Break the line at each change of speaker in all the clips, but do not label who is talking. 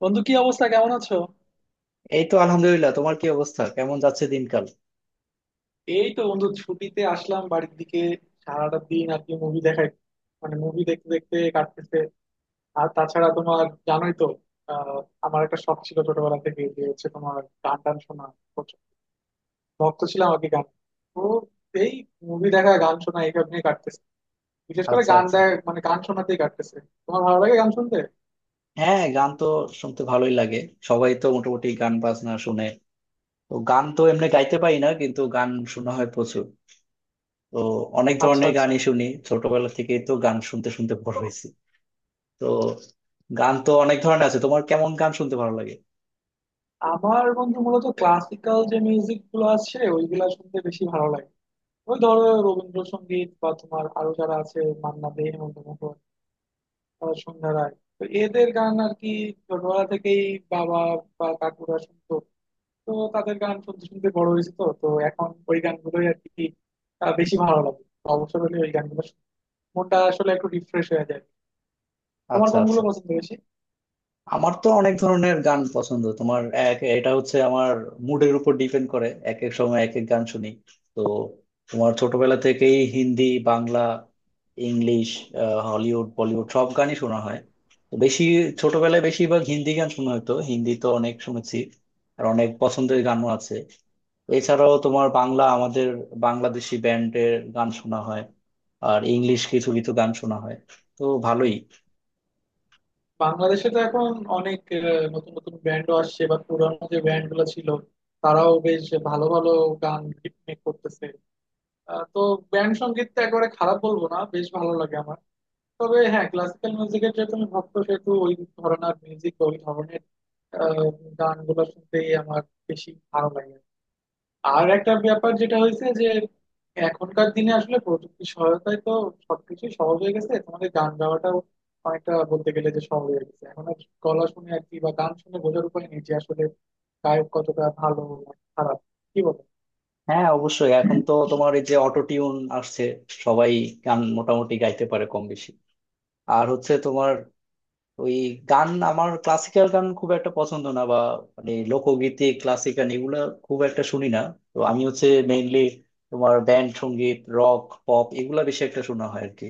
বন্ধু, কি অবস্থা? কেমন আছো?
এই তো আলহামদুলিল্লাহ। তোমার কি অবস্থা, কেমন যাচ্ছে দিনকাল?
এই তো বন্ধু, ছুটিতে আসলাম বাড়ির দিকে। সারাটা দিন আর কি মুভি দেখাই, মানে মুভি দেখতে দেখতে কাটতেছে। আর তাছাড়া তোমার জানোই তো, আহ আমার একটা শখ ছিল ছোটবেলা থেকে যে হচ্ছে তোমার গান টান শোনা। প্রচুর ভক্ত ছিলাম আর কি গান। তো এই মুভি দেখা, গান শোনা এইসব নিয়ে কাটতেছে। বিশেষ করে
আচ্ছা
গান
আচ্ছা।
দেখ, মানে গান শোনাতেই কাটতেছে। তোমার ভালো লাগে গান শুনতে?
হ্যাঁ, গান তো শুনতে ভালোই লাগে। সবাই তো মোটামুটি গান বাজনা শুনে। তো গান তো এমনি গাইতে পারি না, কিন্তু গান শোনা হয় প্রচুর। তো অনেক
আচ্ছা,
ধরনের
আচ্ছা।
গানই শুনি, ছোটবেলা থেকেই তো গান শুনতে শুনতে বড়
তো
হয়েছি। তো গান তো অনেক ধরনের আছে, তোমার কেমন গান শুনতে ভালো লাগে?
আমার বন্ধু মূলত ক্লাসিক্যাল যে মিউজিক গুলো আছে ওইগুলা শুনতে বেশি ভালো লাগে। ওই ধরো রবীন্দ্রসঙ্গীত বা তোমার আরো যারা আছে, মান্না দে, হেমন্ত মুখোপাধ্যায়, সন্ধ্যা রায়, তো এদের গান আর কি। ছোটবেলা থেকেই বাবা বা কাকুরা শুনতো, তো তাদের গান শুনতে শুনতে বড় হয়েছে, তো তো এখন ওই গানগুলোই আর কি বেশি ভালো লাগে। অবসর হলে ওই গানগুলো শুনি। মনটা আসলে একটু রিফ্রেশ হয়ে যায়। তোমার
আচ্ছা
কোনগুলো
আচ্ছা।
পছন্দ বেশি?
আমার তো অনেক ধরনের গান পছন্দ। তোমার এটা হচ্ছে আমার মুডের উপর ডিপেন্ড করে, এক এক সময় এক এক গান শুনি। তো তোমার ছোটবেলা থেকেই Hindi, Bangla, English, Hollywood Bollywood সব গানই শোনা হয়। তো বেশি ছোটবেলায় বেশিরভাগ হিন্দি গান শোনা হতো, হিন্দি তো অনেক শুনেছি। আর অনেক পছন্দের গানও আছে। এছাড়াও তোমার বাংলা আমাদের বাংলাদেশি ব্যান্ডের গান শোনা হয়, আর ইংলিশ কিছু কিছু গান শোনা হয়। তো ভালোই।
বাংলাদেশে তো এখন অনেক নতুন নতুন ব্যান্ডও আসছে, বা পুরানো যে ব্যান্ড গুলো ছিল তারাও বেশ ভালো ভালো গান মেক করতেছে। তো ব্যান্ড সঙ্গীত তো একেবারে খারাপ বলবো না, বেশ ভালো লাগে আমার। তবে হ্যাঁ, ক্লাসিক্যাল মিউজিকের যেহেতু আমি ভক্ত, সেহেতু ওই ধরনের মিউজিক, ওই ধরনের আহ, গানগুলো শুনতেই আমার বেশি ভালো লাগে। আর একটা ব্যাপার যেটা হয়েছে যে এখনকার দিনে আসলে প্রযুক্তির সহায়তায় তো সবকিছুই সহজ হয়ে গেছে, তোমাদের গান গাওয়াটাও অনেকটা বলতে গেলে যে সহজ হয়ে গেছে। এখন আর গলা শুনে আর কি বা গান শুনে বোঝার উপায় নেই যে আসলে গায়ক কতটা ভালো না খারাপ, কি বল?
হ্যাঁ অবশ্যই, এখন তো তোমার এই যে অটো টিউন আসছে, সবাই গান মোটামুটি গাইতে পারে কম বেশি। আর হচ্ছে তোমার ওই গান, আমার ক্লাসিক্যাল গান খুব একটা পছন্দ না, বা মানে লোকগীতি ক্লাসিক্যাল এগুলো খুব একটা শুনি না। তো আমি হচ্ছে মেইনলি তোমার ব্যান্ড সঙ্গীত, রক, পপ এগুলা বেশি একটা শোনা হয় আর কি।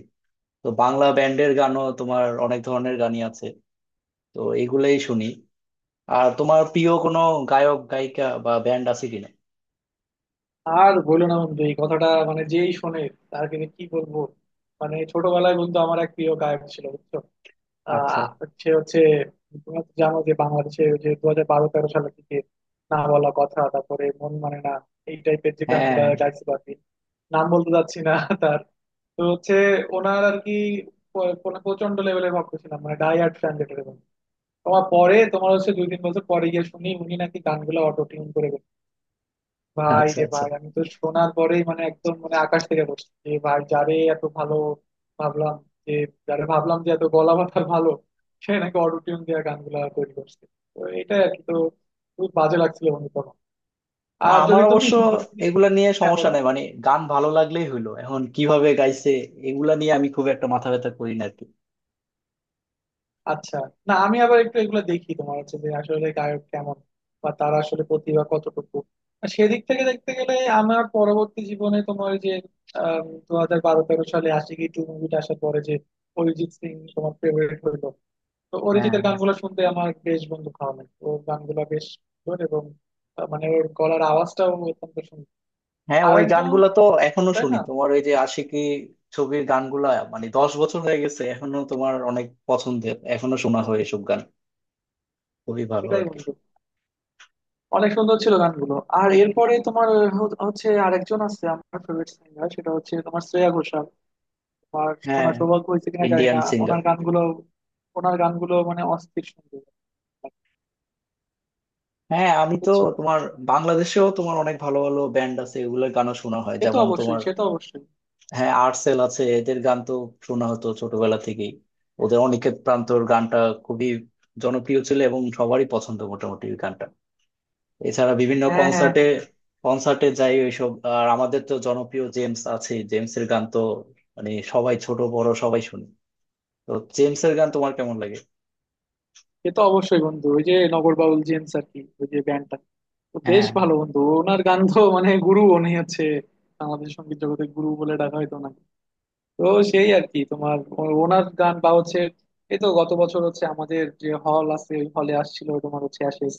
তো বাংলা ব্যান্ডের গানও তোমার অনেক ধরনের গানই আছে, তো এগুলাই শুনি। আর তোমার প্রিয় কোনো গায়ক গায়িকা বা ব্যান্ড আছে কিনা?
আর বললো না বন্ধু এই কথাটা, মানে যেই শোনে তার কিন্তু কি বলবো, মানে ছোটবেলায় বন্ধু আমার এক প্রিয় গায়ক ছিল, বুঝছো?
আচ্ছা।
আহ সে হচ্ছে, তোমরা তো জানো যে বাংলাদেশে ওই যে 2012-13 সালের দিকে "না বলা কথা", তারপরে "মন মানে না", এই টাইপের যে গানগুলা
হ্যাঁ।
গাইছিল আর কি। নাম বলতে যাচ্ছি না তার। তো হচ্ছে ওনার আর কি প্রচন্ড লেভেলের ভক্ত ছিলাম, মানে ডাই হার্ড ফ্যান যেটা বলে। তোমার পরে, তোমার হচ্ছে 2-3 বছর পরে গিয়ে শুনি উনি নাকি গানগুলো অটো টিউন করে। ভাই
আচ্ছা
রে
আচ্ছা।
ভাই, আমি তো শোনার পরেই মানে একদম, মানে আকাশ থেকে পড়ছি যে ভাই, যারে এত ভালো ভাবলাম, যে যারে ভাবলাম যে এত গলা মাথা ভালো সে নাকি অটোটিউন দিয়ে গানগুলা তৈরি করছে। তো এটাই আর কি, তো খুব বাজে লাগছিল বন্ধু তখন।
না,
আর যদি
আমার
তুমি
অবশ্য
হিন্দি,
এগুলা নিয়ে
হ্যাঁ
সমস্যা
বলো,
নাই, মানে গান ভালো লাগলেই হলো, এখন কিভাবে গাইছে এগুলা নিয়ে আমি খুব একটা মাথা ব্যথা করি না আর কি।
আচ্ছা। না, আমি আবার একটু এগুলো দেখি তোমার হচ্ছে যে আসলে গায়ক কেমন, বা তারা আসলে প্রতিভা কতটুকু। আর সেদিক থেকে দেখতে গেলে আমার পরবর্তী জীবনে তোমার ওই যে 2012-13 সালে আশিকি 2 মুভিটা আসার পরে যে অরিজিৎ সিং তোমার ফেভারিট হইলো। তো
হ্যাঁ
অরিজিতের গানগুলো শুনতে আমার বেশ বন্ধু ভালো লাগে, ওর গানগুলো বেশ সুন্দর, এবং মানে ওর গলার আওয়াজটাও অত্যন্ত সুন্দর।
হ্যাঁ, ওই
আরেকজন,
গানগুলা তো এখনো
তাই
শুনি
না?
তোমার ওই যে আশিকি ছবির গানগুলা, মানে 10 বছর হয়ে গেছে, এখনো তোমার অনেক পছন্দের, এখনো শোনা হয় এসব গান। খুবই ভালো
সেটাই
আর কি।
বন্ধু, অনেক সুন্দর ছিল গানগুলো। আর এরপরে তোমার হচ্ছে আরেকজন আছে আমার ফেভারিট সিঙ্গার, সেটা হচ্ছে তোমার শ্রেয়া ঘোষাল। আমার শোনা
হ্যাঁ,
সৌভাগ্য হয়েছে কিনা জানি
ইন্ডিয়ান
না
সিঙ্গার।
ওনার গানগুলো। ওনার গানগুলো মানে অস্থির সুন্দর,
হ্যাঁ, আমি তো
বুঝছো?
তোমার বাংলাদেশেও তোমার অনেক ভালো ভালো ব্যান্ড আছে, এগুলোর গানও শোনা হয়,
সে তো
যেমন
অবশ্যই,
তোমার।
সে তো অবশ্যই।
হ্যাঁ, আর্টসেল আছে, এদের গান তো শোনা হতো ছোটবেলা থেকেই। ওদের অনিকেত প্রান্তর গানটা খুবই জনপ্রিয় ছিল, এবং সবারই পছন্দ মোটামুটি ওই গানটা। এছাড়া বিভিন্ন
হ্যাঁ, হ্যাঁ,
কনসার্টে,
হ্যাঁ।
যাই ওইসব। আর আমাদের তো জনপ্রিয় জেমস আছে, জেমসের গান তো মানে সবাই, ছোট বড় সবাই শুনি। তো জেমসের গান তোমার কেমন লাগে?
সে তো অবশ্যই বন্ধু, ওই যে নগর বাউল জেমস আর কি, ওই যে ব্যান্ডটা। তো বেশ
হ্যাঁ
ভালো বন্ধু, ওনার গান তো, মানে গুরু, উনি হচ্ছে আমাদের সঙ্গীত জগতের গুরু বলে ডাকা হয়তো না। তো সেই আর কি তোমার ওনার গান বা হচ্ছে, এই তো গত বছর হচ্ছে আমাদের যে হল আছে ওই হলে আসছিল তোমার হচ্ছে অ্যাশেজ।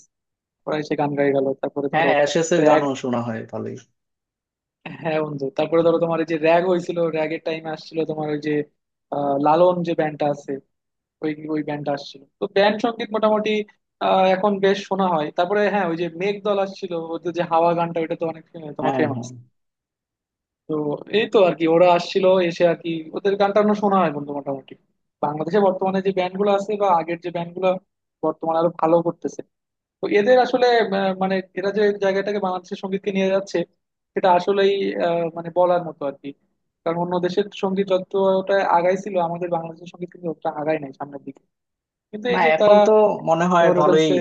ওরা এসে গান গাই গেল, তারপরে
হ্যাঁ,
ধরো
অ্যাশেস এর
র্যাগ।
গানও শোনা হয় ভালোই।
হ্যাঁ বন্ধু, তারপরে ধরো তোমার এই যে র্যাগ হয়েছিল, র্যাগের টাইমে আসছিল তোমার ওই যে লালন যে ব্যান্ডটা আছে, ওই ওই ব্যান্ডটা আসছিল। তো ব্যান্ড সঙ্গীত মোটামুটি এখন বেশ শোনা হয়। তারপরে হ্যাঁ ওই যে মেঘদল আসছিল, ওদের যে হাওয়া গানটা ওটা তো অনেক তোমার
হ্যাঁ
ফেমাস।
হ্যাঁ।
তো এই তো আর কি ওরা আসছিল, এসে আর কি ওদের গান টান শোনা হয় বন্ধু মোটামুটি। বাংলাদেশে বর্তমানে যে ব্যান্ড গুলো আছে বা আগের যে ব্যান্ড গুলো বর্তমানে আরো ভালো করতেছে, তো এদের আসলে মানে এরা যে জায়গাটাকে, বাংলাদেশের সঙ্গীতকে নিয়ে যাচ্ছে সেটা আসলেই মানে বলার মতো আর কি। কারণ অন্য দেশের সঙ্গীত যতটা আগাইছিল আমাদের বাংলাদেশের সঙ্গীত কিন্তু অতটা আগায় নাই সামনের দিকে, কিন্তু
না,
এই যে
এখন
তারা
তো মনে হয়
ধরে
ভালোই
ফেলছে।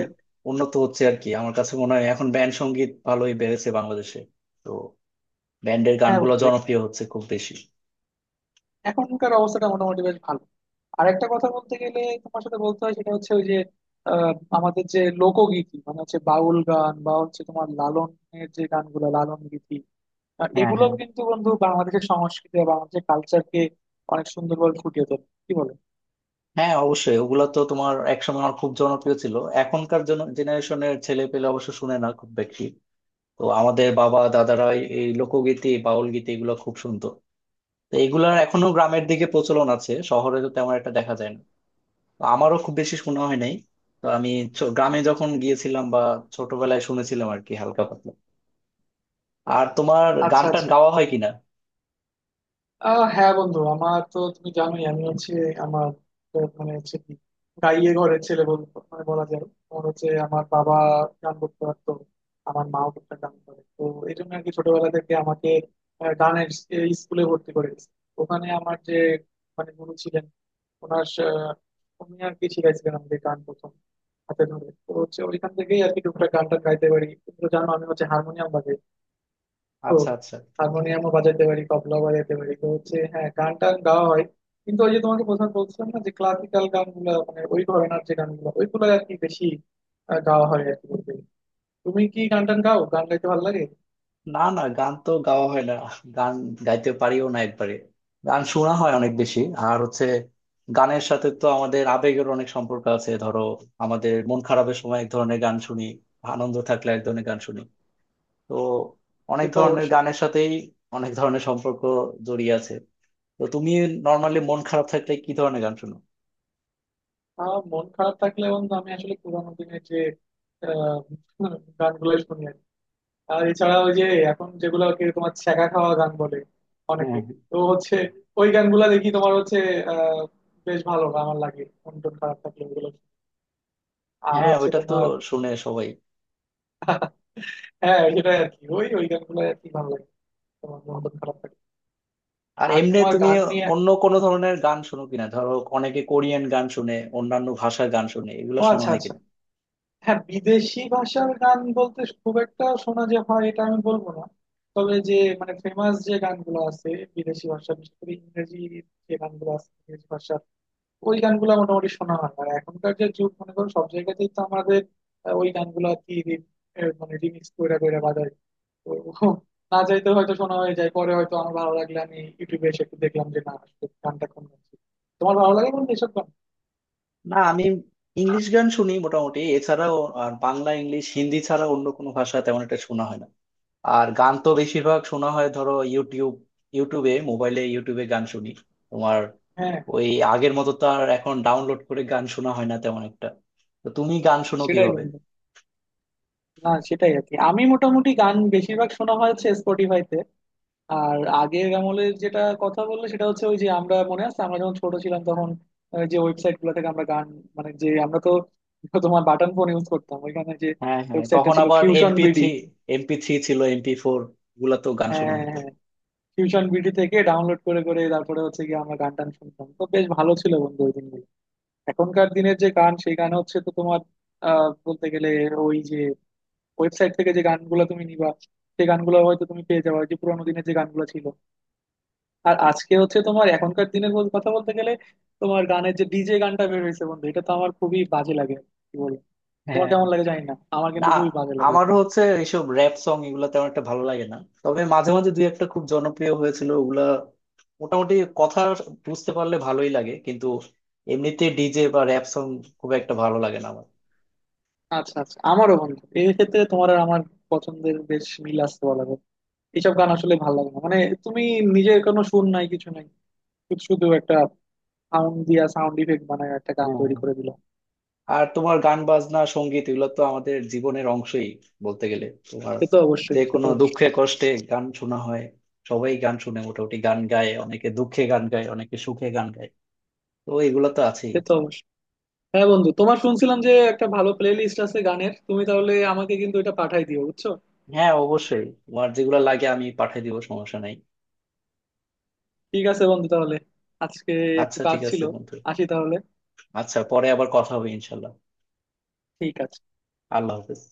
উন্নত হচ্ছে আর কি। আমার কাছে মনে হয় এখন ব্যান্ড সঙ্গীত ভালোই বেড়েছে বাংলাদেশে। তো ব্যান্ডের
হ্যাঁ
গানগুলো
বন্ধু,
জনপ্রিয় হচ্ছে খুব বেশি।
এখনকার অবস্থাটা মোটামুটি বেশ ভালো। আর একটা কথা বলতে গেলে তোমার সাথে বলতে হয়, সেটা হচ্ছে ওই যে আহ, আমাদের যে লোকগীতি, মানে হচ্ছে বাউল গান বা হচ্ছে তোমার লালনের যে গানগুলো, লালন গীতি,
হ্যাঁ
এগুলোও
হ্যাঁ।
কিন্তু বন্ধু বাংলাদেশের সংস্কৃতি বা বাংলাদেশের কালচারকে অনেক সুন্দরভাবে ফুটিয়ে তোলে, কি বলো?
হ্যাঁ অবশ্যই, ওগুলা তো তোমার একসময় আমার খুব জনপ্রিয় ছিল। এখনকার জেনারেশনের ছেলে পেলে অবশ্য শুনে না খুব বেশি। তো আমাদের বাবা দাদারা এই এই লোকগীতি বাউল গীতি এগুলো খুব শুনতো। তো এগুলার এখনো গ্রামের দিকে প্রচলন আছে, শহরে তো তেমন একটা দেখা যায় না। তো আমারও খুব বেশি শোনা হয় নাই। তো আমি গ্রামে যখন গিয়েছিলাম বা ছোটবেলায় শুনেছিলাম আর কি, হালকা পাতলা। আর তোমার গান
আচ্ছা,
টান
আচ্ছা।
গাওয়া হয় কিনা?
হ্যাঁ বন্ধু, আমার তো তুমি জানোই, আমি হচ্ছে, আমার তো মানে হচ্ছে কি, গাইয়ে ঘরের ছেলে বল, মানে বলা যায়। আমার হচ্ছে, আমার বাবা গান করতে পারতো, আমার মাও করতে গান করে। তো এই জন্য আর কি ছোটবেলা থেকে আমাকে গানের এই স্কুলে ভর্তি করে দিয়েছে। ওখানে আমার যে মানে গুরু ছিলেন, ওনার উনি আর কি শিখাইছিলেন আমাদের গান প্রথম, হাতে ধরে। তো হচ্ছে ওইখান থেকেই আর কি টুকটাক গান টান গাইতে পারি। তুমি তো জানো আমি হচ্ছে হারমোনিয়াম বাজাই, তো
আচ্ছা আচ্ছা।
হারমোনিয়ামও বাজাইতে পারি, তবলা বাজাইতে পারি। তো হচ্ছে হ্যাঁ, গান টান গাওয়া হয়, কিন্তু ওই যে তোমাকে প্রথমে বলছিলাম না যে ক্লাসিক্যাল গানগুলো, মানে ওই ঘরানার যে গানগুলো ওইগুলো আর কি বেশি গাওয়া হয় আর কি বলতে গেলে। তুমি কি গান টান গাও? গান গাইতে ভালো লাগে?
না না গান তো গাওয়া হয় না, গান গাইতে পারিও না একবারে। গান শোনা হয় অনেক বেশি। আর হচ্ছে গানের সাথে তো আমাদের আবেগের অনেক সম্পর্ক আছে, ধরো আমাদের মন খারাপের সময় এক ধরনের গান শুনি, আনন্দ থাকলে এক ধরনের গান শুনি। তো
সে
অনেক
তো
ধরনের
অবশ্যই।
গানের সাথেই অনেক ধরনের সম্পর্ক জড়িয়ে আছে। তো তুমি নর্মালি মন খারাপ থাকলে কি ধরনের গান শোনো?
আর মন খারাপ থাকলে বন্ধু আমি আসলে পুরানো দিনের যে আহ গানগুলো শুনি আর কি। আর এছাড়া ওই যে এখন যেগুলো আর কি তোমার ছ্যাঁকা খাওয়া গান বলে অনেকে,
হ্যাঁ
তো হচ্ছে ওই গানগুলা দেখি তোমার হচ্ছে আহ বেশ ভালো আমার লাগে, মন টন খারাপ থাকলে ওগুলো। আর
হ্যাঁ,
হচ্ছে
ওইটা তো
তোমার,
শুনে সবাই।
হ্যাঁ সেটাই আর কি ওই ওই গানগুলো আর কি ভালো লাগে তোমার মন টন খারাপ থাকে।
আর
আর
এমনি
তোমার
তুমি
গান নিয়ে,
অন্য কোনো ধরনের গান শোনো কিনা, ধরো অনেকে কোরিয়ান গান শুনে, অন্যান্য ভাষার গান শুনে, এগুলো
ও
শোনা
আচ্ছা,
হয়
আচ্ছা।
কিনা?
হ্যাঁ, বিদেশি ভাষার গান বলতে খুব একটা শোনা যে হয় এটা আমি বলবো না। তবে যে মানে ফেমাস যে গানগুলো আছে বিদেশি ভাষা, বিশেষ করে ইংরেজি যে গানগুলো আছে ইংরেজি ভাষার, ওই গানগুলো মোটামুটি শোনা হয়। আর এখনকার যে যুগ মনে করো সব জায়গাতেই তো আমাদের ওই গানগুলো আর কি মানে রিমিক্স করে করে বাজায়। তো না চাইতে হয়তো শোনা হয়ে যায়, পরে হয়তো আমার ভালো লাগলে আমি ইউটিউবে এসে একটু দেখলাম যে না আসলে গানটা কোন গান ছিল। তোমার ভালো লাগে বন্ধু এসব গান?
না, আমি ইংলিশ গান শুনি মোটামুটি। এছাড়াও আর বাংলা ইংলিশ হিন্দি ছাড়া অন্য কোনো ভাষা তেমন একটা শোনা হয় না। আর গান তো বেশিরভাগ শোনা হয় ধরো ইউটিউব, মোবাইলে ইউটিউবে গান শুনি তোমার
হ্যাঁ
ওই। আগের মতো তো আর এখন ডাউনলোড করে গান শোনা হয় না তেমন একটা। তো তুমি গান শোনো
সেটাই
কিভাবে?
বন্ধু, না সেটাই আর কি আমি মোটামুটি গান বেশিরভাগ শোনা হয়েছে স্পটিফাইতে। আর আগের আমলের যেটা কথা বললে সেটা হচ্ছে ওই যে আমরা মনে আছে, আমরা যখন ছোট ছিলাম তখন ওই যে ওয়েবসাইট গুলো থেকে আমরা গান, মানে যে আমরা তো তোমার বাটন ফোন ইউজ করতাম, ওইখানে যে
হ্যাঁ হ্যাঁ,
ওয়েবসাইটটা
তখন
ছিল
আবার
fusion
MP
BD.
Three MP3 ছিল, MP4, এগুলা তো গান
হ্যাঁ,
শোনা হতো।
হ্যাঁ, টিউশন বিডি থেকে ডাউনলোড করে করে তারপরে হচ্ছে কি আমরা গান টান শুনতাম। তো বেশ ভালো ছিল বন্ধু ওই দিনগুলো। এখনকার দিনের যে গান সেই গান হচ্ছে তো তোমার বলতে গেলে ওই যে ওয়েবসাইট থেকে যে গানগুলো তুমি নিবা সেই গানগুলো হয়তো তুমি পেয়ে যাবে যে পুরানো দিনের যে গানগুলো ছিল। আর আজকে হচ্ছে তোমার এখনকার দিনের কথা বলতে গেলে তোমার গানের যে ডিজে গানটা বের হয়েছে বন্ধু, এটা তো আমার খুবই বাজে লাগে, কি বলবো। তোমার
হ্যাঁ।
কেমন লাগে জানি না, আমার
না,
কিন্তু খুবই বাজে লাগে এটা।
আমারও হচ্ছে এইসব র্যাপ সং এগুলা তেমন একটা ভালো লাগে না। তবে মাঝে মাঝে দুই একটা খুব জনপ্রিয় হয়েছিল ওগুলা, মোটামুটি কথা বুঝতে পারলে ভালোই লাগে। কিন্তু এমনিতে ডিজে বা র্যাপ সং খুব একটা ভালো লাগে না আমার।
আচ্ছা, আচ্ছা। আমারও বন্ধু এই ক্ষেত্রে তোমার আর আমার পছন্দের বেশ মিল আছে বলা যায়। এইসব গান আসলে ভালো লাগে না, মানে তুমি নিজের কোনো সুর নাই, কিছু নাই, শুধু শুধু একটা সাউন্ড দিয়া সাউন্ড ইফেক্ট বানায় একটা গান
হ্যাঁ।
তৈরি করে দিলাম।
আর তোমার গান বাজনা সঙ্গীত এগুলো তো আমাদের জীবনের অংশই বলতে গেলে। তোমার
সে তো অবশ্যই,
যে
সে তো
কোনো
অবশ্যই।
দুঃখে কষ্টে গান শোনা হয়। সবাই গান শুনে মোটামুটি, গান গায় অনেকে, দুঃখে গান গায়, অনেকে সুখে গান গায়। তো এগুলো তো আছেই।
সে তো অবশ্যই। হ্যাঁ বন্ধু, তোমার শুনছিলাম যে একটা ভালো প্লে লিস্ট আছে গানের, তুমি তাহলে আমাকে কিন্তু এটা পাঠাই দিও, বুঝছো?
হ্যাঁ অবশ্যই, তোমার যেগুলো লাগে আমি পাঠিয়ে দিব, সমস্যা নাই।
ঠিক আছে বন্ধু, তাহলে আজকে একটু
আচ্ছা
কাজ
ঠিক
ছিল,
আছে বন্ধু।
আসি তাহলে।
আচ্ছা, পরে আবার কথা হবে ইনশাল্লাহ।
ঠিক আছে।
আল্লাহ হাফেজ।